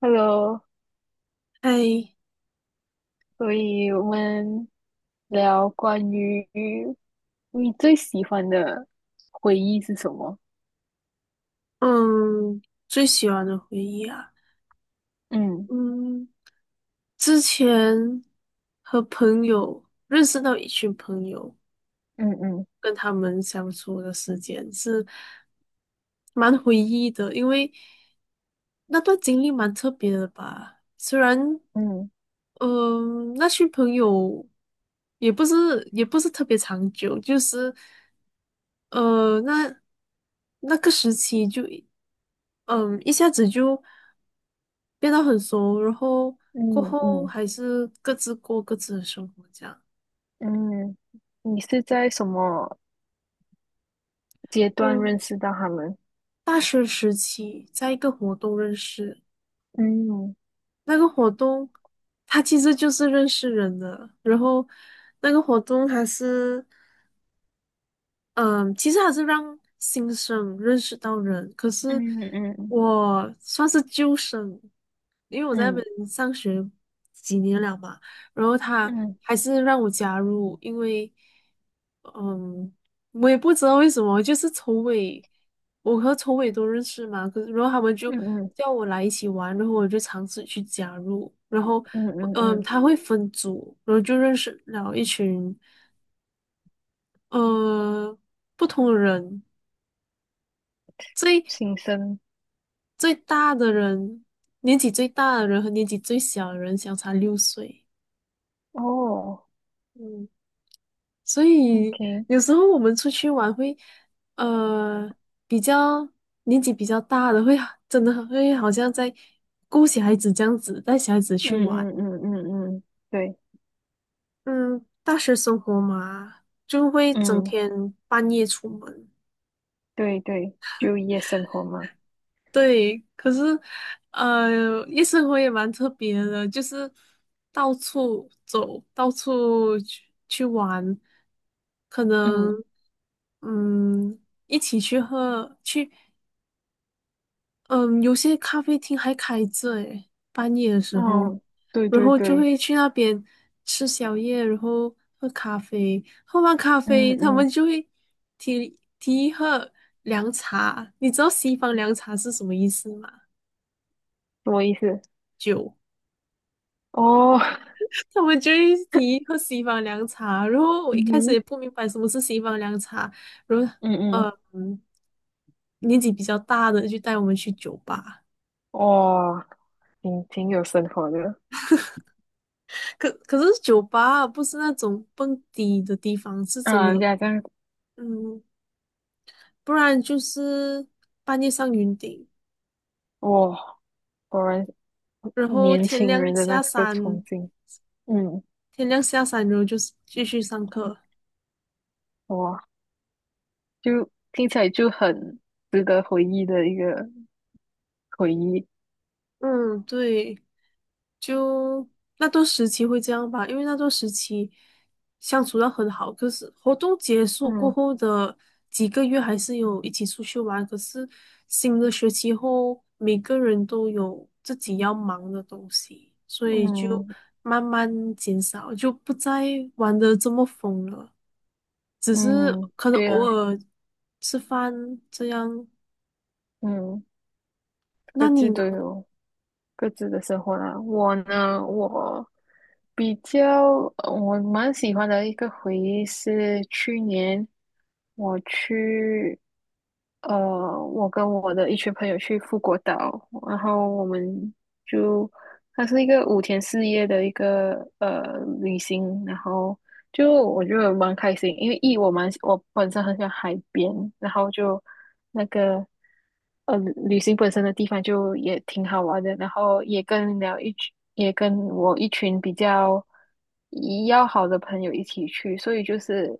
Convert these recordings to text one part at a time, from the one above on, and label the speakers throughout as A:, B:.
A: Hello，
B: 哎，
A: 所以我们聊关于你最喜欢的回忆是什么？
B: 嗯，最喜欢的回忆啊，
A: 嗯
B: 嗯，之前和朋友认识到一群朋友，
A: 嗯嗯
B: 跟他们相处的时间是蛮回忆的，因为那段经历蛮特别的吧。虽然，
A: 嗯
B: 嗯，那群朋友也不是特别长久，就是呃，那那个时期就，嗯，一下子就变得很熟，然后过
A: 嗯
B: 后
A: 嗯
B: 还是各自过各自的生活这样。
A: 嗯。你是在什么阶段认
B: 嗯，
A: 识到他们？
B: 大学时期在一个活动认识，
A: 嗯
B: 那个活动它其实就是认识人的，然后那个活动还是嗯，其实还是让新生认识到人，可是
A: 嗯嗯嗯
B: 我算是旧生，因为我在那
A: 嗯
B: 边上学几年了嘛，然后他
A: 嗯
B: 还是让我加入，因为，嗯，我也不知道为什么，就是筹委，我和筹委都认识嘛，可是然后他们就
A: 嗯
B: 叫我来一起玩，然后我就尝试去加入，然后，
A: 嗯嗯嗯。
B: 他会分组，然后就认识了一群，呃，不同的人，
A: 新生。
B: 最大的人，年纪最大的人和年纪最小的人相差6岁，
A: 哦
B: 嗯。所以
A: ，OK。
B: 有时候我们出去玩会，呃，比较年纪比较大的会真的会好像在顾小孩子这样子，带小孩子去
A: 嗯
B: 玩。
A: 嗯嗯嗯嗯，对。
B: 嗯，大学生活嘛，就会整
A: 嗯，
B: 天半夜出门。
A: 对对，就夜生活嘛。
B: 对，可是，夜生活也蛮特别的，就是到处走，到处去玩，可能，
A: 嗯，
B: 嗯，一起去喝，去。嗯，有些咖啡厅还开着诶，半夜的时候，
A: 哦，对
B: 然
A: 对
B: 后就
A: 对。
B: 会去那边吃宵夜，然后喝咖啡。喝完咖
A: 嗯
B: 啡，他们
A: 嗯，
B: 就会提议喝凉茶。你知道西方凉茶是什么意思吗？
A: 什么意思？
B: 酒。
A: 哦，
B: 他们就会提议喝西方凉茶，然后我
A: 嗯
B: 一开始
A: 哼。
B: 也不明白什么是西方凉茶，然后
A: 嗯嗯。
B: 呃嗯年纪比较大的就带我们去酒吧。
A: 哇，挺有生活的。
B: 可是酒吧不是那种蹦迪的地方，是真
A: 让人
B: 的，
A: 家这样。
B: 嗯，不然就是半夜上云顶，
A: 哇，果然是
B: 然后
A: 年
B: 天
A: 轻
B: 亮
A: 人的那
B: 下
A: 这个冲
B: 山，
A: 劲。嗯。
B: 天亮下山，然后就是继续上课。
A: 哇，就听起来就很值得回忆的一个回忆。
B: 嗯，对。就那段时期会这样吧，因为那段时期相处的很好，可是活动结束过
A: 嗯
B: 后的几个月还是有一起出去玩，可是新的学期后，每个人都有自己要忙的东西，所以就
A: 嗯
B: 慢慢减少，就不再玩的这么疯了，只是
A: 嗯，
B: 可能
A: 对
B: 偶
A: 啊。
B: 尔吃饭这样。
A: 嗯，
B: 那
A: 各
B: 你
A: 自
B: 呢？
A: 都有。各自的生活啦。我呢，我比较我蛮喜欢的一个回忆是去年我去，我跟我的一群朋友去富国岛，然后我们就它是一个5天4夜的一个旅行，然后。就我觉得蛮开心，因为一我蛮我本身很喜欢海边，然后就那个。呃，旅行本身的地方就也挺好玩的，然后也跟了一群，也跟我一群比较要好的朋友一起去，所以就是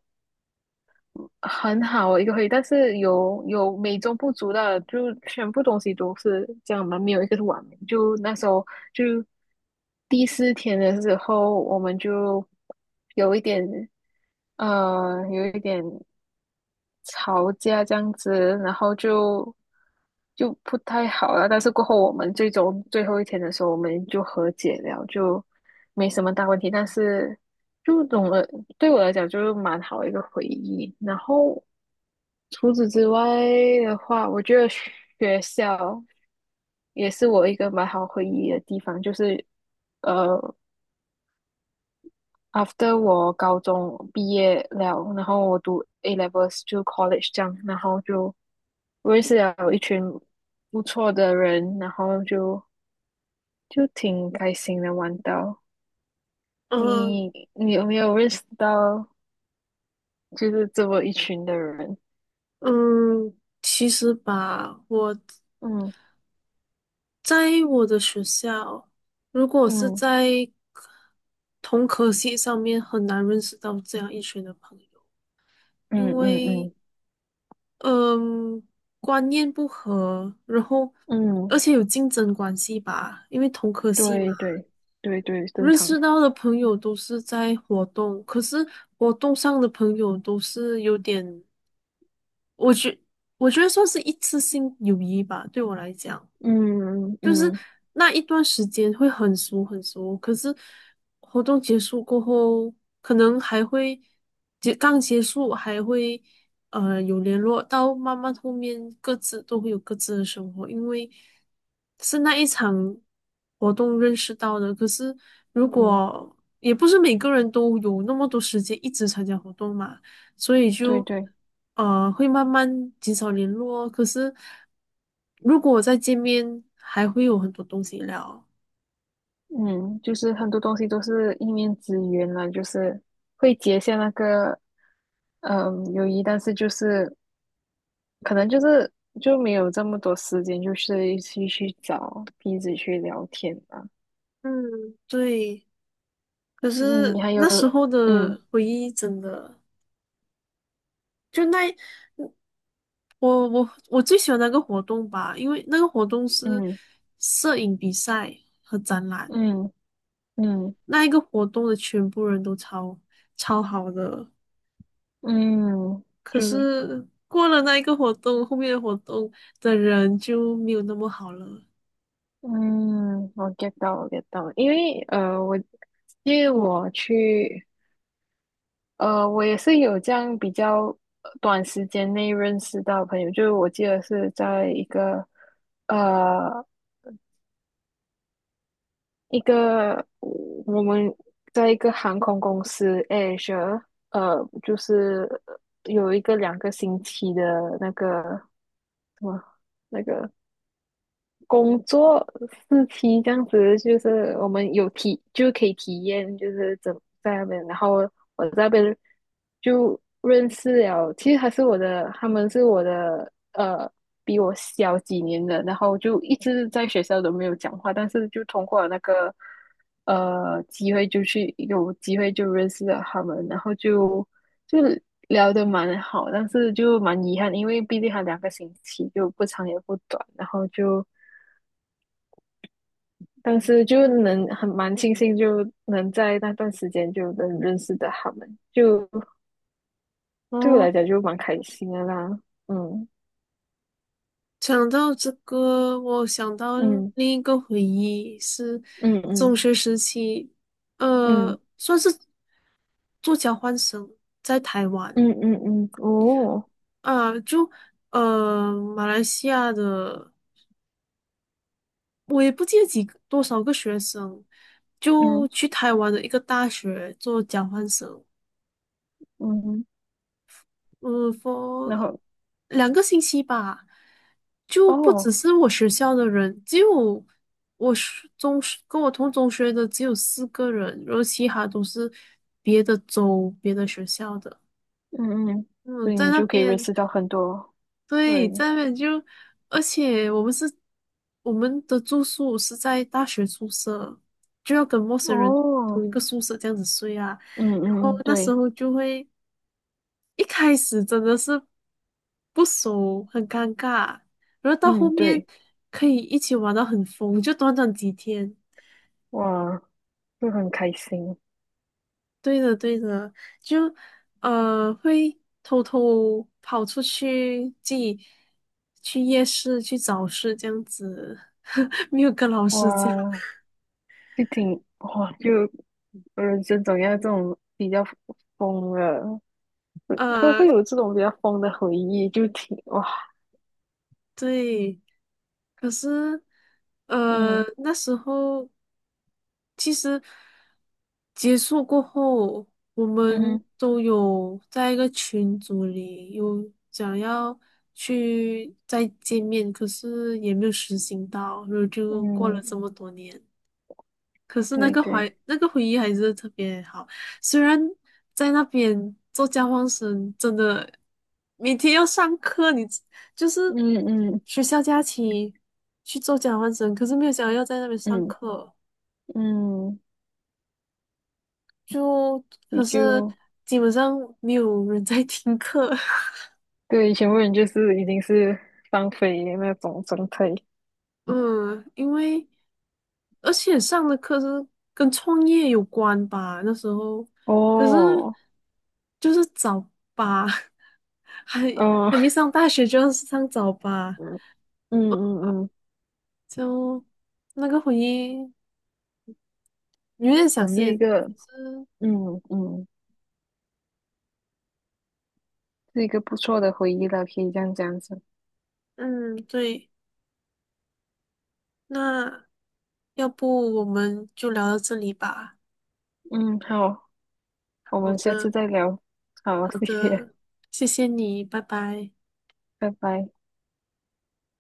A: 很好的一个回忆。但是有美中不足的，就全部东西都是这样嘛，没有一个是完美。就那时候就第四天的时候，我们就有一点有一点吵架这样子，然后就不太好了。但是过后我们最后一天的时候，我们就和解了，就没什么大问题。但是就总的对我来讲，就是蛮好的一个回忆。然后除此之外的话，我觉得学校也是我一个蛮好回忆的地方，就是。呃。after 我高中毕业了，然后我读 A levels 就 college 这样，然后就认识了一群不错的人，然后就挺开心的玩到。
B: 呃，
A: 你你有没有认识到就是这么一群的人？
B: 嗯，其实吧，我。
A: 嗯
B: 在我的学校，如果是
A: 嗯
B: 在同科系上面，很难认识到这样一群的朋友，
A: 嗯
B: 因
A: 嗯
B: 为
A: 嗯
B: 嗯，观念不合，然后
A: 嗯，
B: 而且有竞争关系吧，因为同科系嘛，
A: 对对对对，正
B: 认
A: 常。
B: 识到的朋友都是在活动，可是活动上的朋友都是有点，我觉我觉得算是一次性友谊吧，对我来讲。
A: 嗯嗯
B: 就是
A: 嗯
B: 那一段时间会很熟很熟，可是活动结束过后，可能还会刚结束还会有联络，到慢慢后面各自都会有各自的生活，因为是那一场活动认识到的。可是如
A: 嗯，
B: 果也不是每个人都有那么多时间一直参加活动嘛，所以
A: 对
B: 就
A: 对。
B: 会慢慢减少联络。可是如果再见面，还会有很多东西聊。
A: 嗯，就是很多东西都是一面之缘了，就是会结下那个嗯友谊，但是就是可能就是就没有这么多时间，就是一起去找彼此去聊天吧。
B: 嗯，对，可
A: 嗯，
B: 是
A: 还有
B: 那时候
A: 嗯
B: 的回忆真的，就那我最喜欢那个活动吧，因为那个活动是
A: 嗯
B: 摄影比赛和展览，
A: 嗯嗯
B: 那一个活动的全部人都超超好的，
A: 嗯，
B: 可
A: 就
B: 是过了那一个活动，后面的活动的人就没有那么好了。
A: 嗯，我 get 到我 get 到，因为我去。我也是有这样比较短时间内认识到朋友，就是我记得是在一个呃一个我们在一个航空公司 Asia，呃，就是有一个两个星期的那个什么那个工作四期这样子，就是我们就可以体验，就是在那边，然后我在那边就认识了，其实他们是我的比我小几年的，然后就一直在学校都没有讲话，但是就通过了那个机会有机会就认识了他们，然后就聊得蛮好，但是就蛮遗憾，因为毕竟还两个星期，就不长也不短，然后就。当时就能蛮庆幸，就能在那段时间就能认识的他们，就对我
B: 哦，
A: 来讲就蛮开心的啦。嗯
B: 讲到这个，我想到
A: 嗯
B: 另一个回忆是
A: 嗯
B: 中
A: 嗯
B: 学时期，
A: 嗯
B: 算是做交换生在台湾
A: 嗯嗯嗯。哦。
B: 啊，就马来西亚的多少个学生就
A: 嗯
B: 去台湾的一个大学做交换生，
A: 嗯。
B: 嗯
A: 然
B: ，for
A: 后
B: 2个星期吧，就不只
A: 哦。
B: 是我学校的人，只有我是中学跟我同中学的只有4个人，然后其他都是别的州、别的学校的。
A: 嗯嗯。所
B: 嗯，
A: 以
B: 在
A: 你
B: 那
A: 就可以认
B: 边，
A: 识到很多
B: 对，
A: 人。
B: 在那边就，而且我们的住宿是在大学宿舍，就要跟陌生人
A: 哦。
B: 同一个宿舍这样子睡啊，
A: 嗯
B: 然后
A: 嗯嗯。
B: 那时
A: 对。
B: 候就会。一开始真的是不熟，很尴尬，然后到后
A: 嗯，
B: 面
A: 对。
B: 可以一起玩到很疯，就短短几天。
A: 哇，就很开心。
B: 对的，对的，就会偷偷跑出去，自己去夜市去早市这样子，没有跟老师讲。
A: 哇，就挺哇就。人生总要这种比较疯了，都
B: 呃，
A: 会有这种比较疯的回忆，就挺哇。
B: 对，可是
A: 嗯
B: 那时候其实结束过后，我们
A: 嗯
B: 都有在一个群组里有想要去再见面，可是也没有实行到，然后就过了
A: 嗯，
B: 这么多年。可是那
A: 对
B: 个
A: 对。
B: 怀那个回忆还是特别好，虽然在那边做交换生，真的每天要上课，就是
A: 嗯嗯
B: 学校假期去做交换生，可是没有想到要在那边上
A: 嗯
B: 课，
A: 嗯。
B: 就
A: 你
B: 可是
A: 就
B: 基本上没有人在听课，
A: 对以前问就是已经是放飞的那种状态。
B: 嗯，因为而且上的课是跟创业有关吧，那时候可是
A: 哦。
B: 就是早八，还
A: 哦，
B: 还没 上大学就要上早八。
A: 嗯嗯嗯。
B: 就那个回忆有点
A: 我
B: 想
A: 是
B: 念。
A: 一个
B: 是，
A: 嗯嗯，是一个不错的回忆了，可以这样讲子。
B: 嗯，对，那要不我们就聊到这里吧。
A: 嗯，好，我
B: 好
A: 们下
B: 的，
A: 次再聊。好，
B: 好
A: 谢谢，
B: 的，谢谢你，拜拜。
A: 拜拜。